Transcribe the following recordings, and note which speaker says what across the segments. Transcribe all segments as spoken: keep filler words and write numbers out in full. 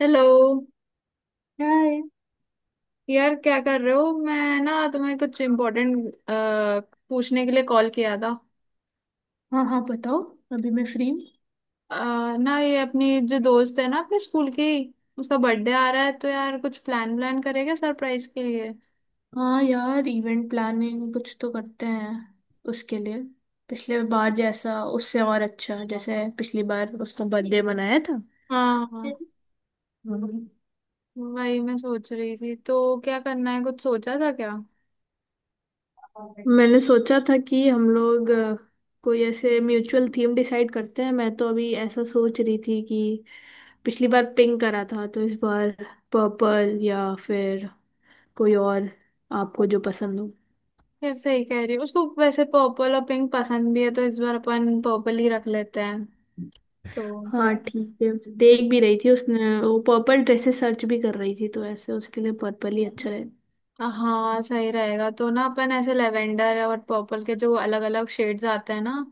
Speaker 1: Hello.
Speaker 2: यार,
Speaker 1: यार, क्या कर रहे हो? मैं ना तुम्हें कुछ इम्पोर्टेंट पूछने के लिए कॉल किया था।
Speaker 2: हाँ हाँ बताओ। अभी मैं फ्री हूँ।
Speaker 1: अ, ना ये अपनी जो दोस्त है ना, अपने स्कूल की, उसका बर्थडे आ रहा है तो यार कुछ प्लान प्लान करेगा सरप्राइज के लिए।
Speaker 2: हाँ यार, इवेंट प्लानिंग कुछ तो करते हैं उसके लिए। पिछले बार जैसा उससे और अच्छा, जैसे पिछली बार उसका बर्थडे मनाया था।
Speaker 1: हाँ हाँ, वही मैं सोच रही थी। तो क्या करना है, कुछ सोचा था क्या?
Speaker 2: मैंने सोचा था कि हम लोग अ, कोई ऐसे म्यूचुअल थीम डिसाइड करते हैं। मैं तो अभी ऐसा सोच रही थी कि पिछली बार पिंक करा था, तो इस बार पर्पल या फिर कोई और, आपको जो पसंद हो।
Speaker 1: यार सही कह रही हूँ, उसको वैसे पर्पल और पिंक पसंद भी है तो इस बार अपन पर्पल ही रख लेते हैं तो थोड़ा।
Speaker 2: हाँ ठीक है। देख भी रही थी, उसने वो पर्पल ड्रेसेस सर्च भी कर रही थी, तो ऐसे उसके लिए पर्पल ही अच्छा रहे।
Speaker 1: हाँ सही रहेगा। तो ना अपन ऐसे लेवेंडर और पर्पल के जो अलग अलग शेड्स आते हैं ना,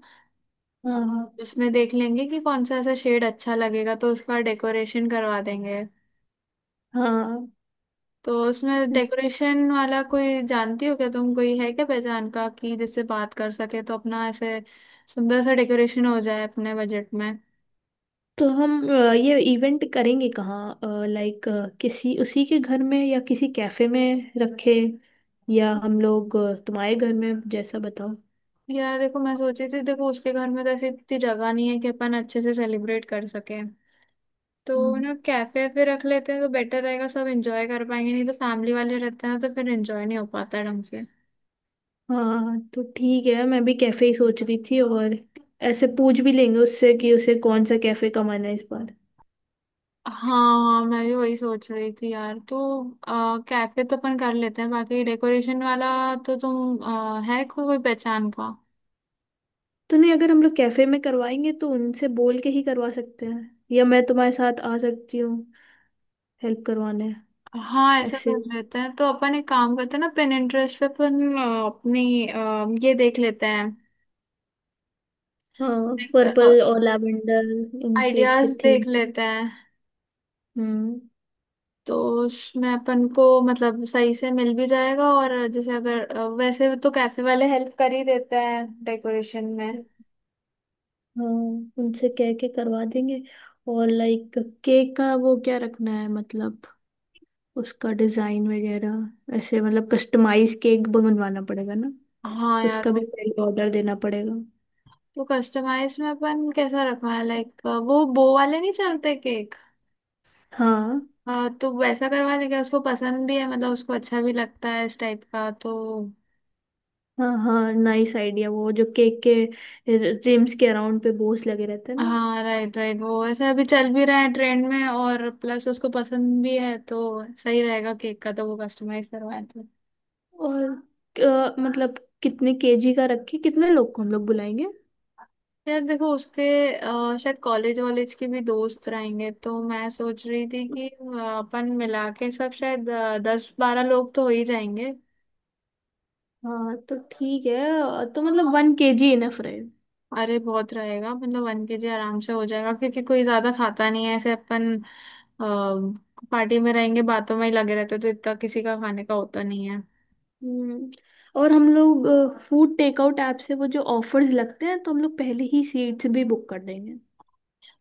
Speaker 2: हाँ
Speaker 1: उसमें देख लेंगे कि कौन सा ऐसा शेड अच्छा लगेगा तो उसका डेकोरेशन करवा देंगे।
Speaker 2: हाँ।
Speaker 1: तो उसमें डेकोरेशन वाला कोई जानती हो क्या तुम? कोई है क्या पहचान का कि जिससे बात कर सके तो अपना ऐसे सुंदर सा डेकोरेशन हो जाए अपने बजट में।
Speaker 2: तो हम अ, ये इवेंट करेंगे कहाँ? लाइक किसी उसी के घर में या किसी कैफे में रखे? या हम लोग अ, तुम्हारे घर में, जैसा बताओ।
Speaker 1: यार देखो, मैं सोची थी, देखो उसके घर में तो ऐसी इतनी जगह नहीं है कि अपन अच्छे से सेलिब्रेट कर सके। तो
Speaker 2: हम्म,
Speaker 1: ना कैफे पे रख लेते हैं तो बेटर रहेगा, सब एंजॉय कर पाएंगे। नहीं तो फैमिली वाले रहते हैं ना तो फिर एंजॉय नहीं हो पाता है ढंग से।
Speaker 2: हाँ। तो ठीक है, मैं भी कैफे ही सोच रही थी। और ऐसे पूछ भी लेंगे उससे कि उसे कौन सा कैफे का मन है इस बार।
Speaker 1: हाँ मैं भी वही सोच रही थी यार। तो कैफे तो अपन कर लेते हैं, बाकी डेकोरेशन वाला तो तुम, अ, है को- कोई पहचान का?
Speaker 2: तो नहीं, अगर हम लोग कैफे में करवाएंगे तो उनसे बोल के ही करवा सकते हैं, या मैं तुम्हारे साथ आ सकती हूँ हेल्प करवाने।
Speaker 1: हाँ ऐसा
Speaker 2: ऐसे।
Speaker 1: कर लेते हैं। तो अपन एक काम करते हैं ना, पिन इंटरेस्ट पे अपन अ, अपनी अ, ये देख लेते
Speaker 2: हाँ,
Speaker 1: हैं,
Speaker 2: पर्पल और लैवेंडर इन शेड
Speaker 1: आइडियाज
Speaker 2: से थीम।
Speaker 1: देख लेते हैं।
Speaker 2: हम्म।
Speaker 1: तो उसमें अपन को मतलब सही से मिल भी जाएगा, और जैसे अगर अ, वैसे तो कैफे वाले हेल्प कर ही देते हैं डेकोरेशन में।
Speaker 2: हाँ, उनसे कह के करवा देंगे। और लाइक केक का वो क्या रखना है, मतलब उसका डिजाइन वगैरह, ऐसे मतलब कस्टमाइज केक बनवाना पड़ेगा ना।
Speaker 1: हाँ यार
Speaker 2: उसका भी
Speaker 1: वो।
Speaker 2: पहले ऑर्डर देना पड़ेगा।
Speaker 1: तो कस्टमाइज में अपन कैसा रखवाएं? लाइक वो बो वाले नहीं चलते केक।
Speaker 2: हाँ
Speaker 1: हाँ तो वैसा करवा लेंगे, उसको पसंद भी है, मतलब उसको अच्छा भी लगता है इस टाइप का तो।
Speaker 2: हाँ हाँ, नाइस आइडिया। वो जो केक के रिम्स के अराउंड पे बोस लगे रहते हैं ना।
Speaker 1: हाँ राइट राइट, वो ऐसे अभी चल भी रहा है ट्रेंड में और प्लस उसको पसंद भी है तो सही रहेगा। केक का तो वो कस्टमाइज करवाएं तो।
Speaker 2: और अ, मतलब कितने केजी का रखे, कितने लोग को हम लोग बुलाएंगे?
Speaker 1: यार देखो उसके अ, शायद कॉलेज वॉलेज के भी दोस्त रहेंगे तो मैं सोच रही थी कि अ, अपन मिला के सब शायद अ, दस बारह लोग तो हो ही जाएंगे।
Speaker 2: हाँ तो ठीक है। अ, तो मतलब वन केजी इनफ रहे।
Speaker 1: अरे बहुत रहेगा, मतलब वन के जी आराम से हो जाएगा, क्योंकि कोई ज्यादा खाता नहीं है ऐसे। अपन पार्टी में रहेंगे, बातों में ही लगे रहते तो इतना किसी का खाने का होता नहीं है।
Speaker 2: हम्म और हम लोग फूड टेकआउट ऐप से वो जो ऑफर्स लगते हैं, तो हम लोग पहले ही सीट्स भी बुक कर देंगे।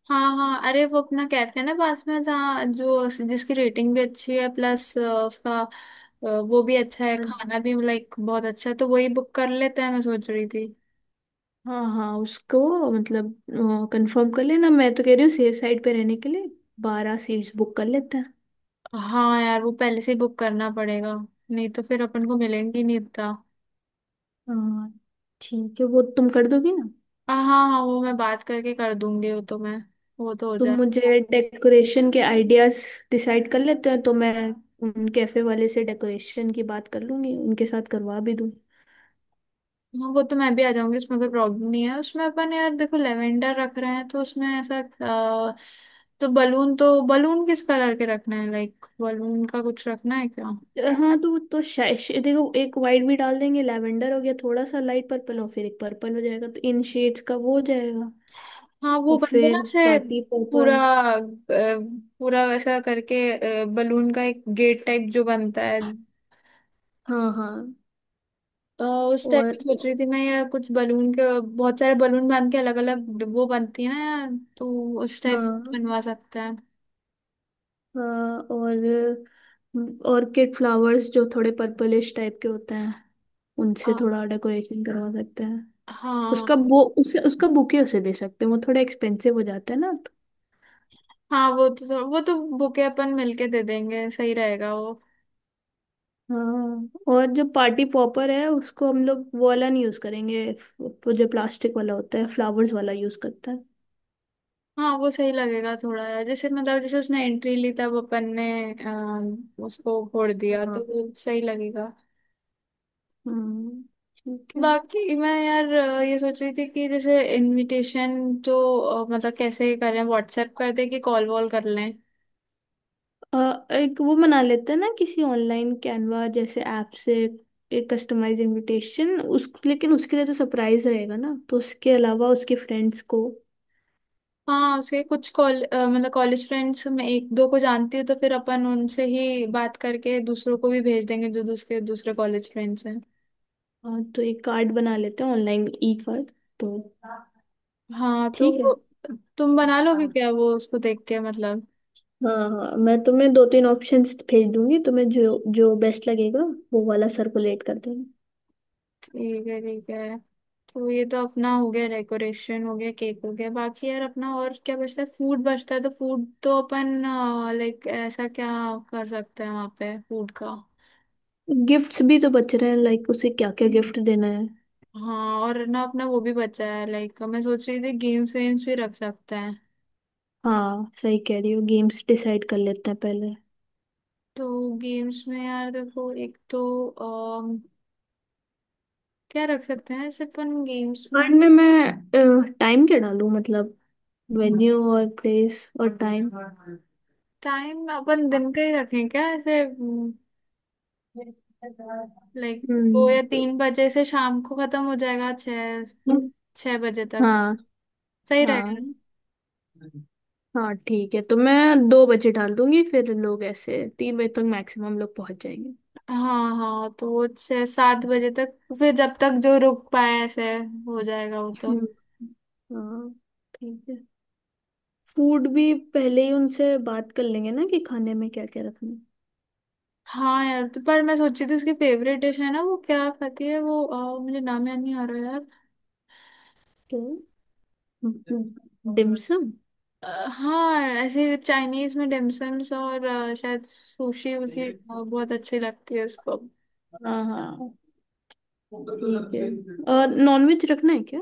Speaker 1: हाँ हाँ, अरे वो अपना कैफे है ना पास में, जहाँ जो, जिसकी रेटिंग भी अच्छी है, प्लस उसका अ, वो भी अच्छा है,
Speaker 2: मन-
Speaker 1: खाना भी लाइक बहुत अच्छा है, तो वही बुक कर लेते हैं मैं सोच रही थी।
Speaker 2: हाँ हाँ, उसको मतलब कंफर्म कर लेना। मैं तो कह रही हूँ सेफ साइड पे रहने के लिए बारह सीट्स बुक कर लेते हैं।
Speaker 1: हाँ यार, वो पहले से ही बुक करना पड़ेगा, नहीं तो फिर अपन को मिलेंगी नहीं इतना।
Speaker 2: हाँ ठीक है। वो तुम कर दोगी ना?
Speaker 1: हाँ हाँ हाँ, वो मैं बात करके कर दूंगी वो तो, मैं वो तो हो
Speaker 2: तुम
Speaker 1: जाए।
Speaker 2: मुझे डेकोरेशन के आइडियाज। डिसाइड कर लेते हैं तो मैं उन कैफे वाले से डेकोरेशन की बात कर लूंगी, उनके साथ करवा भी दूँ।
Speaker 1: हाँ, वो तो मैं भी आ जाऊंगी उसमें, कोई प्रॉब्लम नहीं है उसमें। अपन यार देखो, लेवेंडर रख रहे हैं तो उसमें ऐसा अ, तो बलून तो बलून किस कलर के रखना है? लाइक बलून का कुछ रखना है क्या?
Speaker 2: हाँ, तो तो शायद देखो एक वाइट भी डाल देंगे, लैवेंडर हो गया थोड़ा सा लाइट पर्पल और फिर एक पर्पल हो जाएगा, तो इन शेड्स का वो हो जाएगा।
Speaker 1: हाँ वो
Speaker 2: और
Speaker 1: बंदे ना
Speaker 2: फिर
Speaker 1: से
Speaker 2: पार्टी
Speaker 1: पूरा,
Speaker 2: पर्पल।
Speaker 1: अ, पूरा ऐसा करके बलून का एक गेट टाइप जो बनता है,
Speaker 2: हाँ हाँ।
Speaker 1: अ, उस टाइप
Speaker 2: और
Speaker 1: की सोच रही थी मैं यार, कुछ बलून के बहुत सारे बलून बांध के अलग अलग वो बनती है ना यार, तो उस टाइप
Speaker 2: हाँ
Speaker 1: बनवा सकते हैं।
Speaker 2: हाँ। और ऑर्किड फ्लावर्स जो थोड़े पर्पलिश टाइप के होते हैं,
Speaker 1: अ,
Speaker 2: उनसे थोड़ा डेकोरेशन करवा सकते हैं। उसका
Speaker 1: हाँ
Speaker 2: वो, उसे उसका बुके उसे दे सकते हैं। वो थोड़ा एक्सपेंसिव हो जाता है ना, तो।
Speaker 1: हाँ वो तो थोड़ा- वो तो बुके अपन मिलके दे देंगे, सही रहेगा वो।
Speaker 2: हाँ, और जो पार्टी पॉपर है उसको हम लोग वो वाला नहीं यूज करेंगे, वो जो प्लास्टिक वाला होता है फ्लावर्स वाला यूज करते हैं।
Speaker 1: हाँ वो सही लगेगा थोड़ा, जैसे मतलब जैसे उसने एंट्री ली तब अपन ने अम, उसको फोड़ दिया तो
Speaker 2: हाँ।
Speaker 1: वो सही लगेगा।
Speaker 2: हम्म। ठीक है।
Speaker 1: बाकी मैं यार अ, ये सोच रही थी कि जैसे इनविटेशन तो अ, मतलब कैसे करें? व्हाट्सएप कर दें कि कॉल वॉल कर लें?
Speaker 2: अ, एक वो बना लेते हैं ना किसी ऑनलाइन कैनवा जैसे ऐप से एक कस्टमाइज इनविटेशन। उस लेकिन उसके लिए तो सरप्राइज रहेगा ना, तो उसके अलावा उसके फ्रेंड्स को।
Speaker 1: हाँ उसके कुछ कॉल अ, मतलब कॉलेज फ्रेंड्स में एक दो को जानती हूँ तो फिर अपन उनसे ही बात करके दूसरों को भी भेज देंगे जो दूसरे दूसरे कॉलेज फ्रेंड्स हैं।
Speaker 2: हाँ, तो एक कार्ड बना लेते हैं ऑनलाइन, ई कार्ड तो।
Speaker 1: हाँ तो
Speaker 2: ठीक है।
Speaker 1: वो- तुम बना लोगे
Speaker 2: हाँ
Speaker 1: क्या वो? उसको देख के मतलब।
Speaker 2: हाँ, मैं तुम्हें दो तीन ऑप्शंस भेज दूंगी, तुम्हें जो जो बेस्ट लगेगा वो वाला सर्कुलेट कर देना।
Speaker 1: ठीक है ठीक है। तो ये तो अपना हो गया, डेकोरेशन हो गया, केक हो गया। बाकी यार अपना और क्या बचता है? फूड बचता है। तो फूड तो अपन लाइक ऐसा क्या कर सकते हैं वहाँ पे फूड का?
Speaker 2: गिफ्ट्स भी तो बच रहे हैं, लाइक उसे क्या क्या गिफ्ट देना है।
Speaker 1: हाँ और ना अपना वो भी बचा है, लाइक मैं सोच रही थी गेम्स वेम्स भी रख सकते हैं।
Speaker 2: हाँ, सही कह रही हो। गेम्स डिसाइड कर लेते हैं पहले।
Speaker 1: तो गेम्स में यार देखो एक तो अम, क्या रख सकते हैं ऐसे अपन गेम्स में?
Speaker 2: टाइम क्या डालूं मतलब, वेन्यू और प्लेस और टाइम।
Speaker 1: टाइम अपन दिन का ही रखें क्या ऐसे? लाइक दो
Speaker 2: हम्म।
Speaker 1: या तीन बजे से, शाम को खत्म हो जाएगा छः छः बजे तक।
Speaker 2: हाँ
Speaker 1: सही रहेगा
Speaker 2: हाँ
Speaker 1: ना?
Speaker 2: हाँ, ठीक है। तो मैं दो बजे डाल दूंगी, फिर लोग ऐसे तीन बजे तक मैक्सिमम लोग पहुंच जाएंगे।
Speaker 1: हाँ हाँ, तो वो छः सात बजे तक फिर जब तक जो रुक पाए ऐसे हो जाएगा वो तो।
Speaker 2: हम्म, हाँ। ठीक है, फूड भी पहले ही उनसे बात कर लेंगे ना कि खाने में क्या क्या रखना है।
Speaker 1: हाँ यार, तो पर मैं सोची थी उसकी फेवरेट डिश है ना, वो क्या खाती है वो अ, मुझे नाम याद नहीं आ रहा यार।
Speaker 2: तो डिम्सम।
Speaker 1: अ, हाँ ऐसे चाइनीज में डिमसम्स और अ, शायद सुशी, उसी अ, बहुत अच्छी लगती है उसको।
Speaker 2: हाँ हाँ, ठीक है। और नॉनवेज रखना है क्या?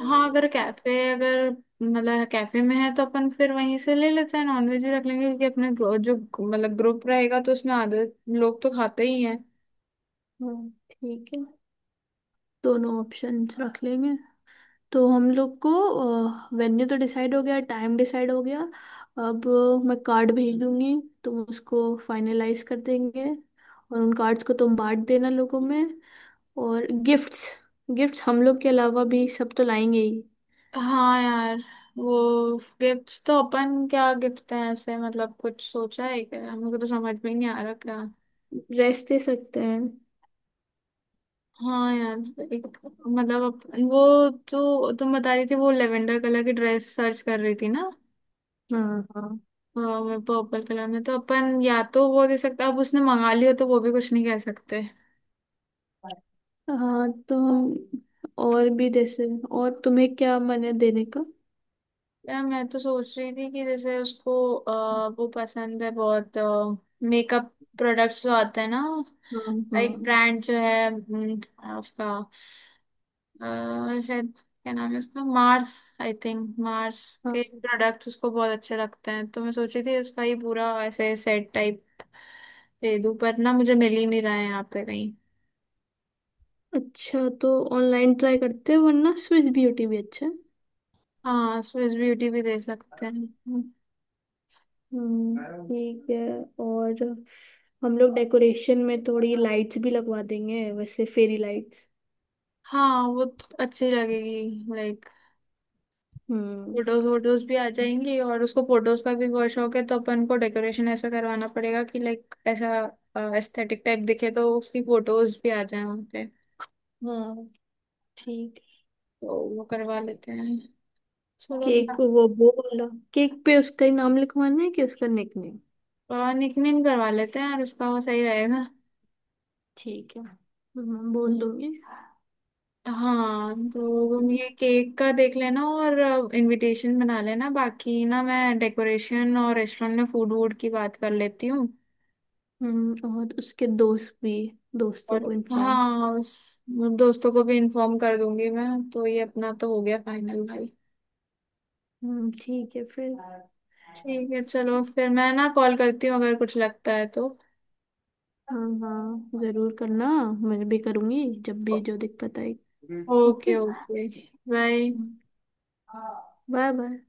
Speaker 1: हाँ अगर कैफे अगर मतलब कैफे में है तो अपन फिर वहीं से ले लेते हैं, नॉनवेज भी रख लेंगे, क्योंकि अपने ग्रो, जो मतलब ग्रुप रहेगा तो उसमें आधे लोग तो खाते ही हैं।
Speaker 2: हाँ ठीक है, दोनों ऑप्शंस रख लेंगे। तो हम लोग को, वेन्यू तो डिसाइड हो गया, टाइम डिसाइड हो गया। अब अ, मैं कार्ड भेज दूंगी, तुम उसको फाइनलाइज कर देंगे और उन कार्ड्स को तुम बांट देना लोगों में। और गिफ्ट्स, गिफ्ट्स हम लोग के अलावा भी सब तो लाएंगे ही।
Speaker 1: हाँ यार वो गिफ्ट्स तो, अपन क्या गिफ्ट है ऐसे मतलब, कुछ सोचा है क्या? हमको तो समझ में ही नहीं आ रहा क्या।
Speaker 2: ड्रेस दे सकते हैं।
Speaker 1: हाँ यार एक, मतलब अपन वो जो तुम बता रही थी वो लेवेंडर कलर की ड्रेस सर्च कर रही थी ना,
Speaker 2: हाँ हाँ
Speaker 1: पर्पल कलर में तो अपन या तो वो दे सकते। अब उसने मंगा लिया तो वो भी कुछ नहीं कह सकते।
Speaker 2: हाँ, तो हम और भी जैसे, और तुम्हें क्या मन है देने का?
Speaker 1: यार मैं तो सोच रही थी कि जैसे उसको अ, वो पसंद है बहुत, मेकअप प्रोडक्ट्स जो आते हैं ना,
Speaker 2: हाँ
Speaker 1: एक
Speaker 2: हाँ
Speaker 1: ब्रांड जो है हम्म, अ, उसका अ, शायद, क्या नाम है उसका, मार्स, आई थिंक मार्स के
Speaker 2: हाँ।
Speaker 1: प्रोडक्ट्स उसको बहुत अच्छे लगते हैं तो मैं सोच रही थी उसका ही पूरा ऐसे सेट टाइप दे दूं, पर ना मुझे मिल ही नहीं रहा है यहाँ पे कहीं।
Speaker 2: अच्छा, तो ऑनलाइन ट्राई करते हैं, वरना स्विस ब्यूटी भी अच्छा है।
Speaker 1: हाँ स्विस ब्यूटी भी दे सकते हैं।
Speaker 2: हम्म, ठीक है। और हम लोग डेकोरेशन में थोड़ी लाइट्स भी लगवा देंगे, वैसे फेरी लाइट्स।
Speaker 1: हाँ वो तो अच्छी लगेगी लाइक,
Speaker 2: हम्म।
Speaker 1: फोटोज वोटोज भी आ जाएंगी, और उसको फोटोज का भी बहुत शौक है तो अपन को डेकोरेशन ऐसा करवाना पड़ेगा कि लाइक ऐसा एस्थेटिक टाइप दिखे तो उसकी फोटोज भी आ जाए वहाँ पे।
Speaker 2: हाँ ठीक
Speaker 1: तो वो करवा
Speaker 2: है।
Speaker 1: लेते हैं चलो।
Speaker 2: केक वो बोल केक पे उसका ही नाम लिखवाना है कि उसका निकनेम।
Speaker 1: निकनेम करवा लेते हैं और उसका वो सही रहेगा।
Speaker 2: ठीक है। हम्म, बोल दूंगी।
Speaker 1: हाँ तो तुम ये केक का देख लेना और इनविटेशन बना लेना, बाकी ना मैं डेकोरेशन और रेस्टोरेंट में फूड वूड की बात कर लेती हूँ।
Speaker 2: हम्म, और उसके दोस्त भी, दोस्तों
Speaker 1: और
Speaker 2: को इन्फॉर्म।
Speaker 1: हाँ, उस दोस्तों को भी इन्फॉर्म कर दूंगी मैं तो, ये अपना तो हो गया फाइनल भाई।
Speaker 2: हम्म। ठीक है फिर।
Speaker 1: ठीक है चलो, फिर मैं ना कॉल करती हूँ अगर कुछ लगता है तो।
Speaker 2: हाँ हाँ, जरूर करना। मैं भी करूंगी जब भी जो दिक्कत आए। Okay.
Speaker 1: Okay okay. Bye.
Speaker 2: Bye bye.